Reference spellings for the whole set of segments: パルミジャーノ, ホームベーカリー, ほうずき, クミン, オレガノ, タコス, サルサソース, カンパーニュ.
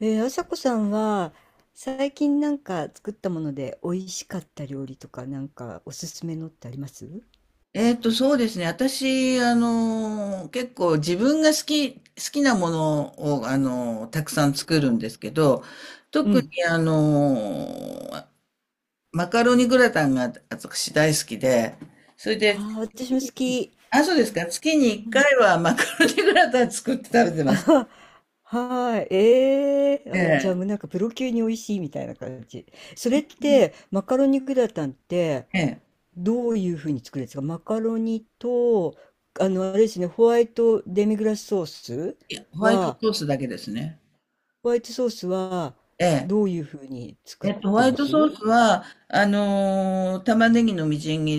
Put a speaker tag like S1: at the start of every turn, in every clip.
S1: あさこさんは最近なんか作ったもので美味しかった料理とかなんかおすすめのってあります？
S2: そうですね。私、結構自分が好きなものを、たくさん作るんですけど、
S1: う
S2: 特
S1: ん。
S2: に、ー、マカロニグラタンが私大好きで、それで、
S1: ああ、私も好き。
S2: あ、そうですか。月に1
S1: うん。
S2: 回はマカロニグラタン作って食べて
S1: あ
S2: ます。
S1: ははーい。
S2: え
S1: あ、じゃあ
S2: え。
S1: もうなんかプロ級に美味しいみたいな感じ。それってマカロニグラタンって
S2: ええ。
S1: どういうふうに作るんですか？マカロニと、あれですね、ホワイトデミグラスソース
S2: いやホワイト
S1: は、
S2: ソースだけですね。
S1: ホワイトソースは
S2: ええ。
S1: どういうふうに作っ
S2: ホ
S1: て
S2: ワイ
S1: ま
S2: トソ
S1: す？
S2: ースは、玉ねぎのみじん切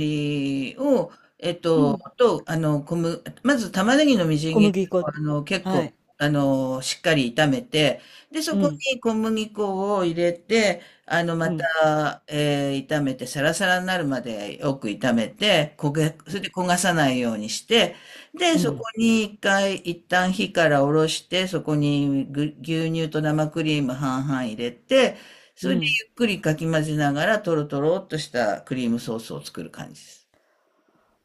S2: りを、えっ
S1: う
S2: と、
S1: ん。
S2: と、あの、小麦、まず玉ねぎのみじん
S1: 小
S2: 切り
S1: 麦
S2: を、
S1: 粉。
S2: 結
S1: は
S2: 構、
S1: い。
S2: しっかり炒めて、で、そ
S1: う
S2: こ
S1: ん。
S2: に小麦粉を入れて、ま
S1: うん。
S2: た、炒めて、サラサラになるまでよく炒めて、
S1: う
S2: それ
S1: ん。
S2: で焦がさないようにして、で、
S1: う
S2: そこ
S1: ん。
S2: に一旦火から下ろして、そこに牛乳と生クリーム半々入れて、そ
S1: う
S2: れで
S1: ん。
S2: かき混ぜながら、とろとろっとしたクリームソースを作る感じです。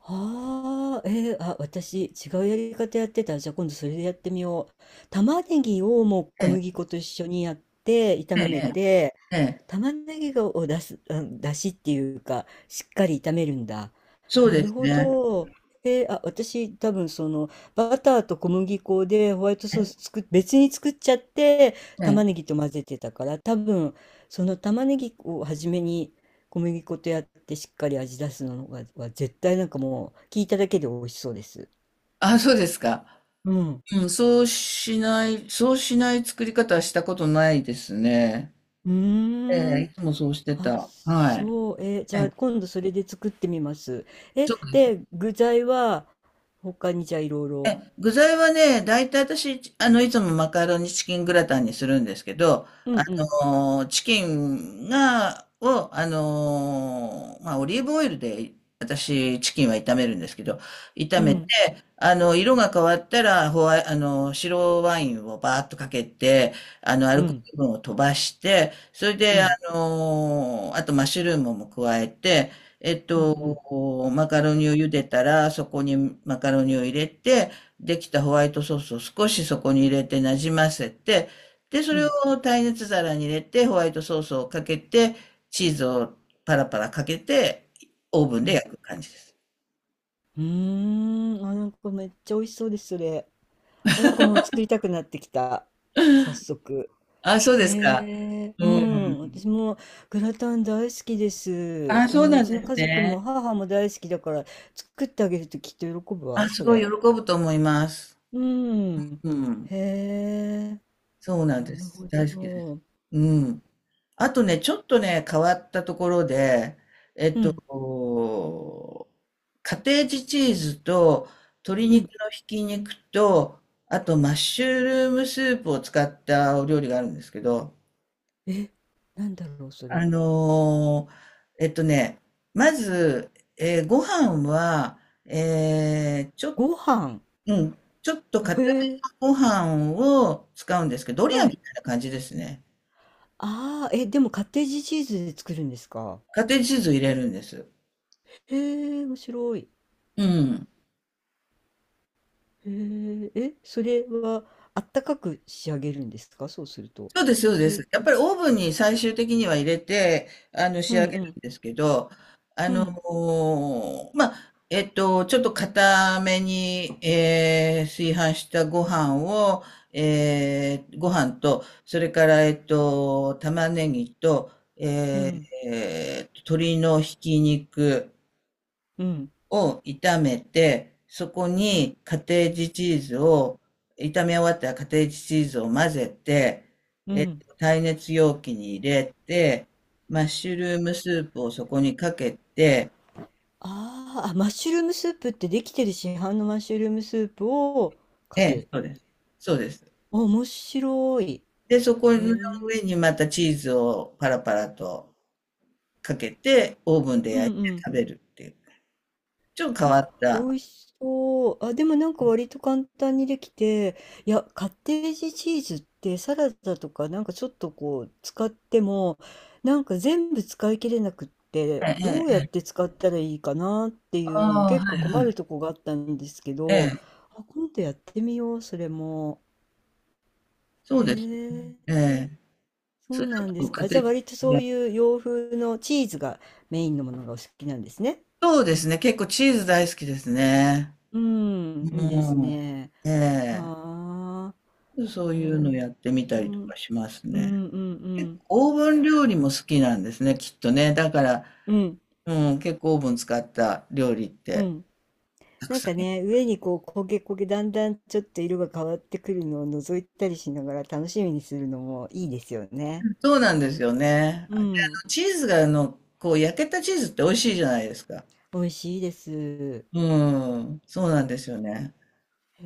S1: はあ、あ、私、違うやり方やってた。じゃあ今度それでやってみよう。玉ねぎをもう
S2: え
S1: 小
S2: え、
S1: 麦粉と一緒にやって、炒
S2: え
S1: め
S2: え、
S1: て、
S2: ええ、
S1: 玉ねぎを出す、あ、出汁っていうか、しっかり炒めるんだ。
S2: そう
S1: な
S2: で
S1: る
S2: す
S1: ほ
S2: ね。
S1: ど。あ、私、多分その、バターと小麦粉でホワイトソース別に作っちゃって、
S2: ええ、
S1: 玉ねぎと混ぜてたから、多分、その玉ねぎを初めに小麦粉とやってしっかり味出すのがは絶対なんかもう聞いただけで美味しそうです。
S2: あ、そうですか。
S1: うん。
S2: うん、そうしない作り方はしたことないですね。
S1: う
S2: え
S1: ーん。
S2: え、いつもそうして
S1: あ、
S2: た。はい。
S1: そう。じ
S2: え
S1: ゃあ
S2: え、
S1: 今度それで作ってみます。え、
S2: そう
S1: で、具材は他にじゃあいろいろ。
S2: 具材はね、だいたい私、いつもマカロニチキングラタンにするんですけど、
S1: うん
S2: あ
S1: うん。
S2: チキンを、まあ、オリーブオイルで、私、チキンは炒めるんですけど、炒
S1: う
S2: め
S1: ん
S2: あの、色が変わったら、ホワイ、あの、白ワインをバーッとかけて、ア
S1: う
S2: ルコー
S1: ん
S2: ル分を飛ばして、それ
S1: う
S2: で、
S1: ん
S2: あとマッシュルームも加えて、
S1: うんうん
S2: マカロニを茹でたら、そこにマカロニを入れて、できたホワイトソースを少しそこに入れてなじませて、で、そ
S1: う
S2: れ
S1: ん
S2: を耐熱皿に入れて、ホワイトソースをかけて、チーズをパラパラかけて、オーブン
S1: う
S2: で
S1: ん。
S2: 焼く感じです。
S1: うーん。あ、なんかめっちゃ美味しそうです、それ。あ、なんかもう作りたくなってきた。早速。
S2: あ、そう
S1: へ
S2: ですか。
S1: え、
S2: う
S1: うん、
S2: ん。
S1: 私もグラタン大好きです。
S2: あ、
S1: う
S2: そう
S1: ん、う
S2: なん
S1: ちの
S2: です
S1: 家族も
S2: ね。
S1: 母も大好きだから作ってあげるときっと喜ぶ
S2: あ、
S1: わ、
S2: す
S1: そ
S2: ごい喜
S1: れ。
S2: ぶと思います。
S1: うん、
S2: うん。
S1: へえ、
S2: そうなんで
S1: なるほ
S2: す。大好きです。
S1: ど。
S2: うん。あとね、ちょっとね、変わったところで、
S1: うん、
S2: こう、カテージチーズと鶏
S1: う
S2: 肉
S1: ん、
S2: のひき肉と、あとマッシュルームスープを使ったお料理があるんですけど、
S1: え、なんだろう、そ
S2: あ
S1: れ。
S2: のーえっとね、まず、ご飯は、えーちょっ
S1: ご飯。
S2: うん。ちょっと硬
S1: へえ、
S2: めのご飯を使うんですけど、ドリア
S1: は
S2: み
S1: い。
S2: たいな感じですね。
S1: ああ、え、でもカッテージチーズで作るんですか？
S2: カテージチーズを入れるんです。
S1: へえ、面白い。
S2: うん。
S1: へえ、え、それはあったかく仕上げるんですか、そうすると。
S2: そうです、そう
S1: そ
S2: で
S1: れ、
S2: す。やっぱりオーブンに最終的には入れて、
S1: う
S2: 仕
S1: ん
S2: 上げ
S1: う
S2: る
S1: ん。
S2: んですけど、
S1: うん、
S2: まあ、ちょっと硬めに、炊飯したご飯を、ご飯と、それから、玉ねぎと、
S1: う
S2: え
S1: ん、
S2: ー鶏のひき肉、
S1: うん、
S2: を炒めて、そこにカテージチーズを、炒め終わったらカテージチーズを混ぜて、
S1: うん。
S2: 耐熱容器に入れて、マッシュルームスープをそこにかけて、
S1: あーあ、マッシュルームスープってできてる市販のマッシュルームスープを
S2: え
S1: か
S2: え、
S1: け
S2: そう
S1: る。
S2: です。そうです。
S1: あ、面白い。
S2: で、そこ
S1: へ
S2: の
S1: え。
S2: 上にまたチーズをパラパラとかけて、オーブンで
S1: うん
S2: 焼いて
S1: うん、
S2: 食べるっていう。ちょっと変
S1: あ、
S2: わっ
S1: 美
S2: た。
S1: 味しそう。あ、でもなんか割と簡単にできて、いや、カッテージチーズってサラダとかなんかちょっとこう使っても、なんか全部使い切れなくって、
S2: ええ、
S1: どう
S2: え
S1: やっ
S2: え、
S1: て使ったらいいかなっていうの
S2: ああ、
S1: 結
S2: は
S1: 構
S2: いは
S1: 困る
S2: い。
S1: とこがあったんですけ
S2: ええ、
S1: ど、あ、今度やってみよう、それも。
S2: そうです。
S1: へ
S2: え
S1: え、
S2: え。
S1: そ
S2: それ
S1: う
S2: だ
S1: なんで
S2: と
S1: すか。
S2: 家
S1: あ、じゃあ
S2: 庭
S1: 割とそういう洋風のチーズがメインのものがお好きなんですね。
S2: そうですね。結構チーズ大好きですね。
S1: うん、いいです
S2: うん。
S1: ね。
S2: ええ。
S1: はあ、
S2: そ
S1: え
S2: ういう
S1: ー、
S2: のやってみ
S1: 私
S2: たりと
S1: も、
S2: かします
S1: う
S2: ね。
S1: んうんう
S2: 結
S1: ん、
S2: 構オーブン料理も好きなんですね、きっとね。だから、
S1: うん
S2: うん、結構オーブン使った料理っ
S1: う
S2: て
S1: ん。
S2: たく
S1: なん
S2: さん。
S1: かね、上にこう焦げ焦げ、だんだんちょっと色が変わってくるのを覗いたりしながら楽しみにするのもいいですよね。
S2: そうなんですよね。
S1: う
S2: あで、あ
S1: ん、
S2: の、チーズがあの、こう焼けたチーズって美味しいじゃないですか。
S1: 美味しいです。
S2: うん、そうなんですよね。
S1: へ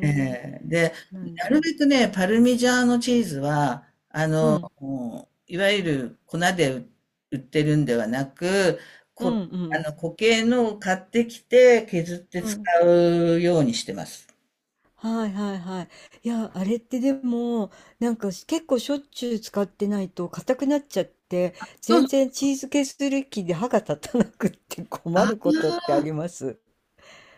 S2: ええ。で、
S1: そうなん
S2: なる
S1: だ。
S2: べくね、パルミジャーノチーズは、
S1: うん、
S2: もう、いわゆる粉で売ってるんではなく、
S1: うん
S2: こ、
S1: う
S2: あの
S1: ん、
S2: 固形のを買ってきて削って
S1: う
S2: 使
S1: ん。
S2: うようにしてます。
S1: はいはいはい。いや、あれってでも、なんかし結構しょっちゅう使ってないと硬くなっちゃって、
S2: そう
S1: 全
S2: あ
S1: 然チーズケーキ機で歯が立たなくって困
S2: あ、
S1: ることってあります？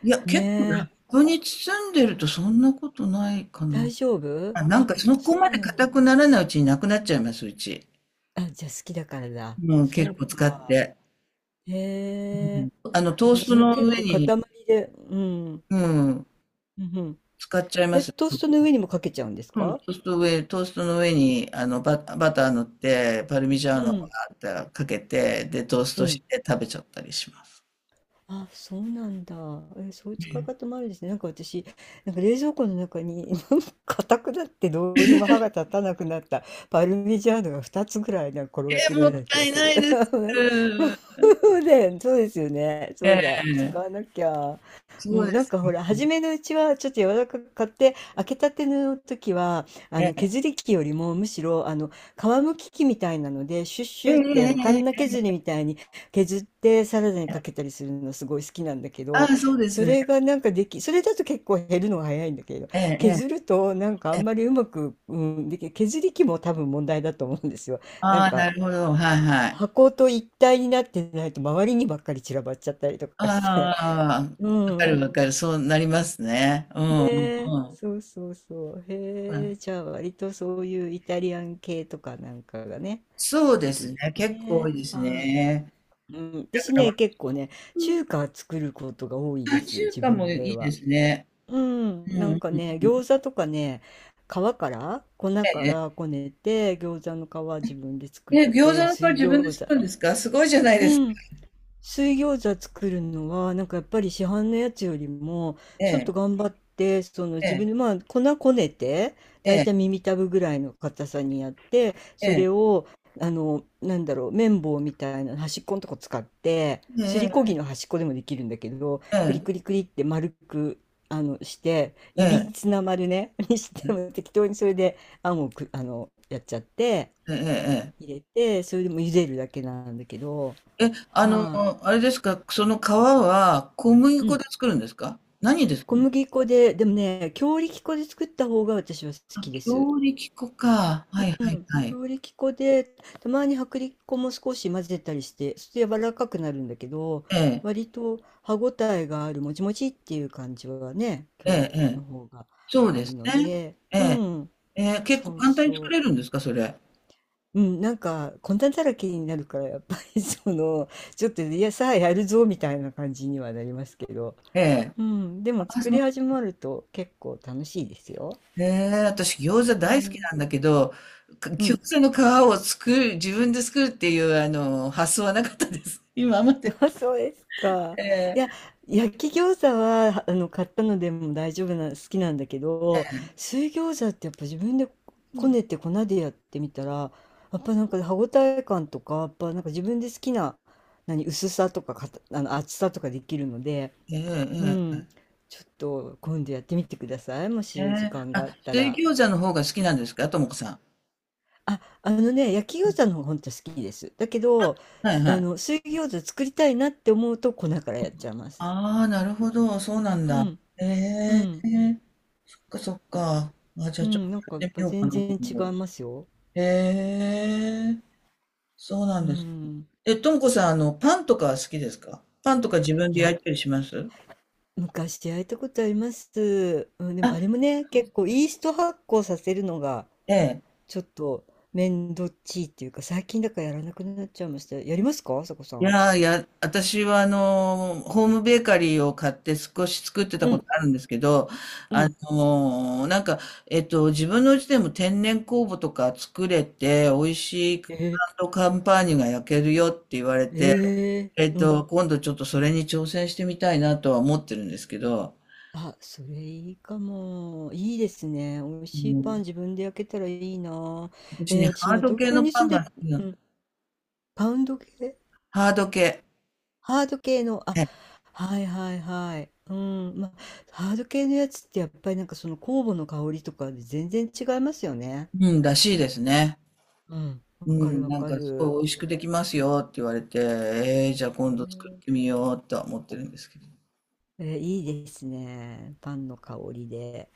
S2: いや、結構ラ
S1: ね
S2: ッ
S1: え、
S2: プに包んでるとそんなことないかな。
S1: 大丈夫、
S2: あ、なん
S1: あ、
S2: かそこ
S1: そ
S2: ま
S1: う
S2: で
S1: なんだ。
S2: 硬くならないうちになくなっちゃいます、うち。
S1: あ、じゃあ好きだからだ。
S2: うん、
S1: そ
S2: 結
S1: う
S2: 構使っ
S1: か。
S2: て。う
S1: へえ、
S2: ん、トー
S1: う
S2: スト
S1: ちの
S2: の
S1: 結
S2: 上
S1: 構塊
S2: に、
S1: で、うん、うん、
S2: うん、
S1: うん。
S2: 使っちゃいま
S1: え、
S2: す。
S1: トーストの上にもかけちゃうんです
S2: うん、
S1: か？
S2: トーストの上に、バター塗って、パルミジャー
S1: う
S2: ノを
S1: ん、
S2: かけて、で、トース
S1: う
S2: トし
S1: ん。
S2: て食べちゃったりします。
S1: あ、そうなんだ。え、そういう使い
S2: え
S1: 方もあるんですね。なんか私、なんか冷蔵庫の中に、なんか硬くなってどうにも歯が立たなくなったパルミジャーノが2つぐらいなんか転がってる
S2: も
S1: よう
S2: っ
S1: な気
S2: た
S1: が
S2: い
S1: す
S2: な
S1: る。
S2: いで す。
S1: ね、そうですよね。そ
S2: え
S1: うだ。使
S2: え、
S1: わなきゃ。う
S2: そうで
S1: ん、なん
S2: す
S1: かほら、初めのうちはちょっと柔らかく買って、開けたての時は、
S2: ね。
S1: 削り器よりもむしろ、皮むき器みたいなので、シュッシ
S2: ええ
S1: ュって、カ
S2: えええ
S1: ンナ
S2: え、
S1: 削りみたいに、削ってサラダにかけたりするのすごい好きなんだけ
S2: あ
S1: ど、
S2: あ、そうです
S1: そ
S2: ね。
S1: れがなんかそれだと結構減るのが早いんだけど、
S2: え
S1: 削
S2: ええ
S1: るとなんかあ
S2: え
S1: ん
S2: え
S1: ま
S2: え、
S1: りうまく、うん、削り器も多分問題だと思うんですよ。なん
S2: ああ、な
S1: か
S2: るほど。はいはい。
S1: 箱と一体になってないと周りにばっかり散らばっちゃったりとかして。
S2: ああ、
S1: う
S2: わか
S1: ん。
S2: るわかる。そうなりますね。う
S1: ね
S2: んうん
S1: え。
S2: うん。
S1: そうそうそう。
S2: う
S1: へえ。
S2: ん、
S1: じゃあ割とそういうイタリアン系とかなんかがね、
S2: そう
S1: 好
S2: で
S1: き
S2: す
S1: です
S2: ね。結構多い
S1: ね。
S2: です
S1: は
S2: ね。
S1: い。うん、
S2: だ
S1: 私
S2: から、和
S1: ね、結構ね、
S2: 風
S1: 中華作ることが多いで
S2: あ
S1: す、
S2: 中
S1: 自
S2: 華も
S1: 分
S2: い
S1: で
S2: いで
S1: は。
S2: すね。
S1: う
S2: う
S1: ん、
S2: んう
S1: なん
S2: ん
S1: か
S2: うん
S1: ね、
S2: うん。
S1: 餃子とかね、皮から粉か
S2: え
S1: ら
S2: え
S1: こねて、餃子の皮自分で作っ
S2: え餃子
S1: て、
S2: の皮
S1: 水
S2: 自分で
S1: 餃子。
S2: 作るんですか？すごいじゃないです
S1: う
S2: か。
S1: ん、水餃子作るのはなんかやっぱり市販のやつよりも
S2: え
S1: ちょっ
S2: え、
S1: と頑張って、その
S2: え
S1: 自分
S2: え、
S1: でまあ粉こねて
S2: え
S1: だいたい
S2: え、
S1: 耳たぶぐらいの硬さにやって、
S2: え
S1: そ
S2: え。
S1: れをなんだろう、綿棒みたいな端っこのとこ使って、
S2: うん
S1: す
S2: う
S1: り
S2: ん
S1: こぎの端っこでもできるんだけど、
S2: う
S1: クリ
S2: ん、
S1: クリクリって丸くして
S2: え
S1: いび
S2: え、
S1: つな丸ね、 にし
S2: え
S1: ても
S2: え、
S1: 適当にそれであんをやっちゃって
S2: うん、ええええ
S1: 入れて、それでも茹でるだけなんだけど、
S2: ええ。
S1: は
S2: あれですか、その皮は小麦粉で
S1: い、
S2: 作るんですか？何で作
S1: 小
S2: るの？
S1: 麦粉で、でもね、強力粉で作った方が私は好
S2: あ、
S1: きです。
S2: 強力粉か。はい
S1: う
S2: はい
S1: ん。
S2: はい。
S1: 強力粉で、たまに薄力粉も少し混ぜたりして、そして柔らかくなるんだけど、
S2: ええ、
S1: 割と歯ごたえがある、もちもちっていう感じはね、
S2: ええ
S1: 強力
S2: え
S1: 粉の
S2: え。
S1: 方が
S2: そう
S1: あ
S2: で
S1: る
S2: す
S1: の
S2: ね。
S1: で、
S2: え
S1: う
S2: え、
S1: ん。
S2: ええ、結構
S1: そう
S2: 簡単に作
S1: そ
S2: れるんですか？それ。
S1: う。うん、なんか、粉だらけになるから、やっぱり その、ちょっと、いや、さあやるぞ、みたいな感じにはなりますけど、
S2: ええ。
S1: うん、でも
S2: あ、
S1: 作
S2: そ
S1: り始まると結構楽しいですよ。
S2: へえ、私餃子
S1: う
S2: 大好き
S1: ん、
S2: なんだけど、
S1: う
S2: 餃
S1: ん。
S2: 子の皮を作る、自分で作るっていうあの発想はなかったです。今まで。
S1: そうですか。
S2: え
S1: い
S2: え、
S1: や、焼き餃子はあの買ったのでも大丈夫な、好きなんだけど、水餃子ってやっぱ自分でこねて粉でやってみたら、やっぱなんか歯ごたえ感とか、やっぱなんか自分で好きな、何、薄さとか、かた、あの厚さとかできるので、
S2: え
S1: う
S2: え、ええ、
S1: ん、ちょっと今度やってみてください。も
S2: え
S1: し時
S2: え、
S1: 間があっ
S2: あ、
S1: た
S2: 水
S1: ら。
S2: 餃子の方が好きなんですか、ともこさん。
S1: あ、あのね、焼き餃子の方が本当好きです。だけど、
S2: はいは
S1: あの、
S2: い。
S1: 水餃子作りたいなって思うと粉からやっちゃいます。
S2: ああ、なるほど、そうなん
S1: う
S2: だ。
S1: ん、
S2: え
S1: う
S2: え、
S1: ん、
S2: そっかそっか。あ、じゃ
S1: う
S2: あちょっ
S1: ん、なん
S2: と
S1: かやっ
S2: やってみ
S1: ぱ
S2: ようか
S1: 全
S2: な、
S1: 然
S2: 今
S1: 違い
S2: 度。
S1: ますよ。
S2: ええ、そうな
S1: う
S2: んです。
S1: ん。
S2: え、ともこさん、パンとかは好きですか？パンとか自分
S1: い
S2: で
S1: や、
S2: 焼いたりします？
S1: 昔焼いたことあります。うん、でも
S2: あ、
S1: あれもね、結構イースト発酵させるのが
S2: ええ。
S1: ちょっと面倒っちいっていうか、最近だからやらなくなっちゃいました。やりますか、あさこさ
S2: い
S1: ん？
S2: やー、いや、私はホームベーカリーを買って少し作ってた
S1: う
S2: こと
S1: ん、
S2: あるんですけど、
S1: う
S2: あ
S1: ん。
S2: のー、なんか、自分のうちでも天然酵母とか作れて、美味しい
S1: え
S2: カンパーニュが焼けるよって言われて、
S1: うん、
S2: 今度ちょっとそれに挑戦してみたいなとは思ってるんですけど、
S1: あ、それいいかも。いいですね。美味
S2: う
S1: しいパン
S2: ん、
S1: 自分で焼けたらいいな。
S2: 私ね、
S1: 私、
S2: ハー
S1: まあ、
S2: ド
S1: 東
S2: 系
S1: 京
S2: の
S1: に
S2: パ
S1: 住ん
S2: ンが
S1: で、
S2: 好きな、
S1: うん、パウンド系、
S2: ハード系、
S1: ハード系の、あ、
S2: え
S1: はいはいはい。うん、まあ、ハード系のやつってやっぱりなんかその酵母の香りとかで全然違いますよね。
S2: うん、らしいですね。
S1: うん、
S2: う
S1: わかる
S2: ん、
S1: わ
S2: なん
S1: か
S2: か、すご
S1: る。
S2: い美味しくできますよって言われて、じゃあ
S1: へ
S2: 今度作っ
S1: ー、
S2: てみようとは思ってるんですけど。
S1: いいですね。パンの香りで。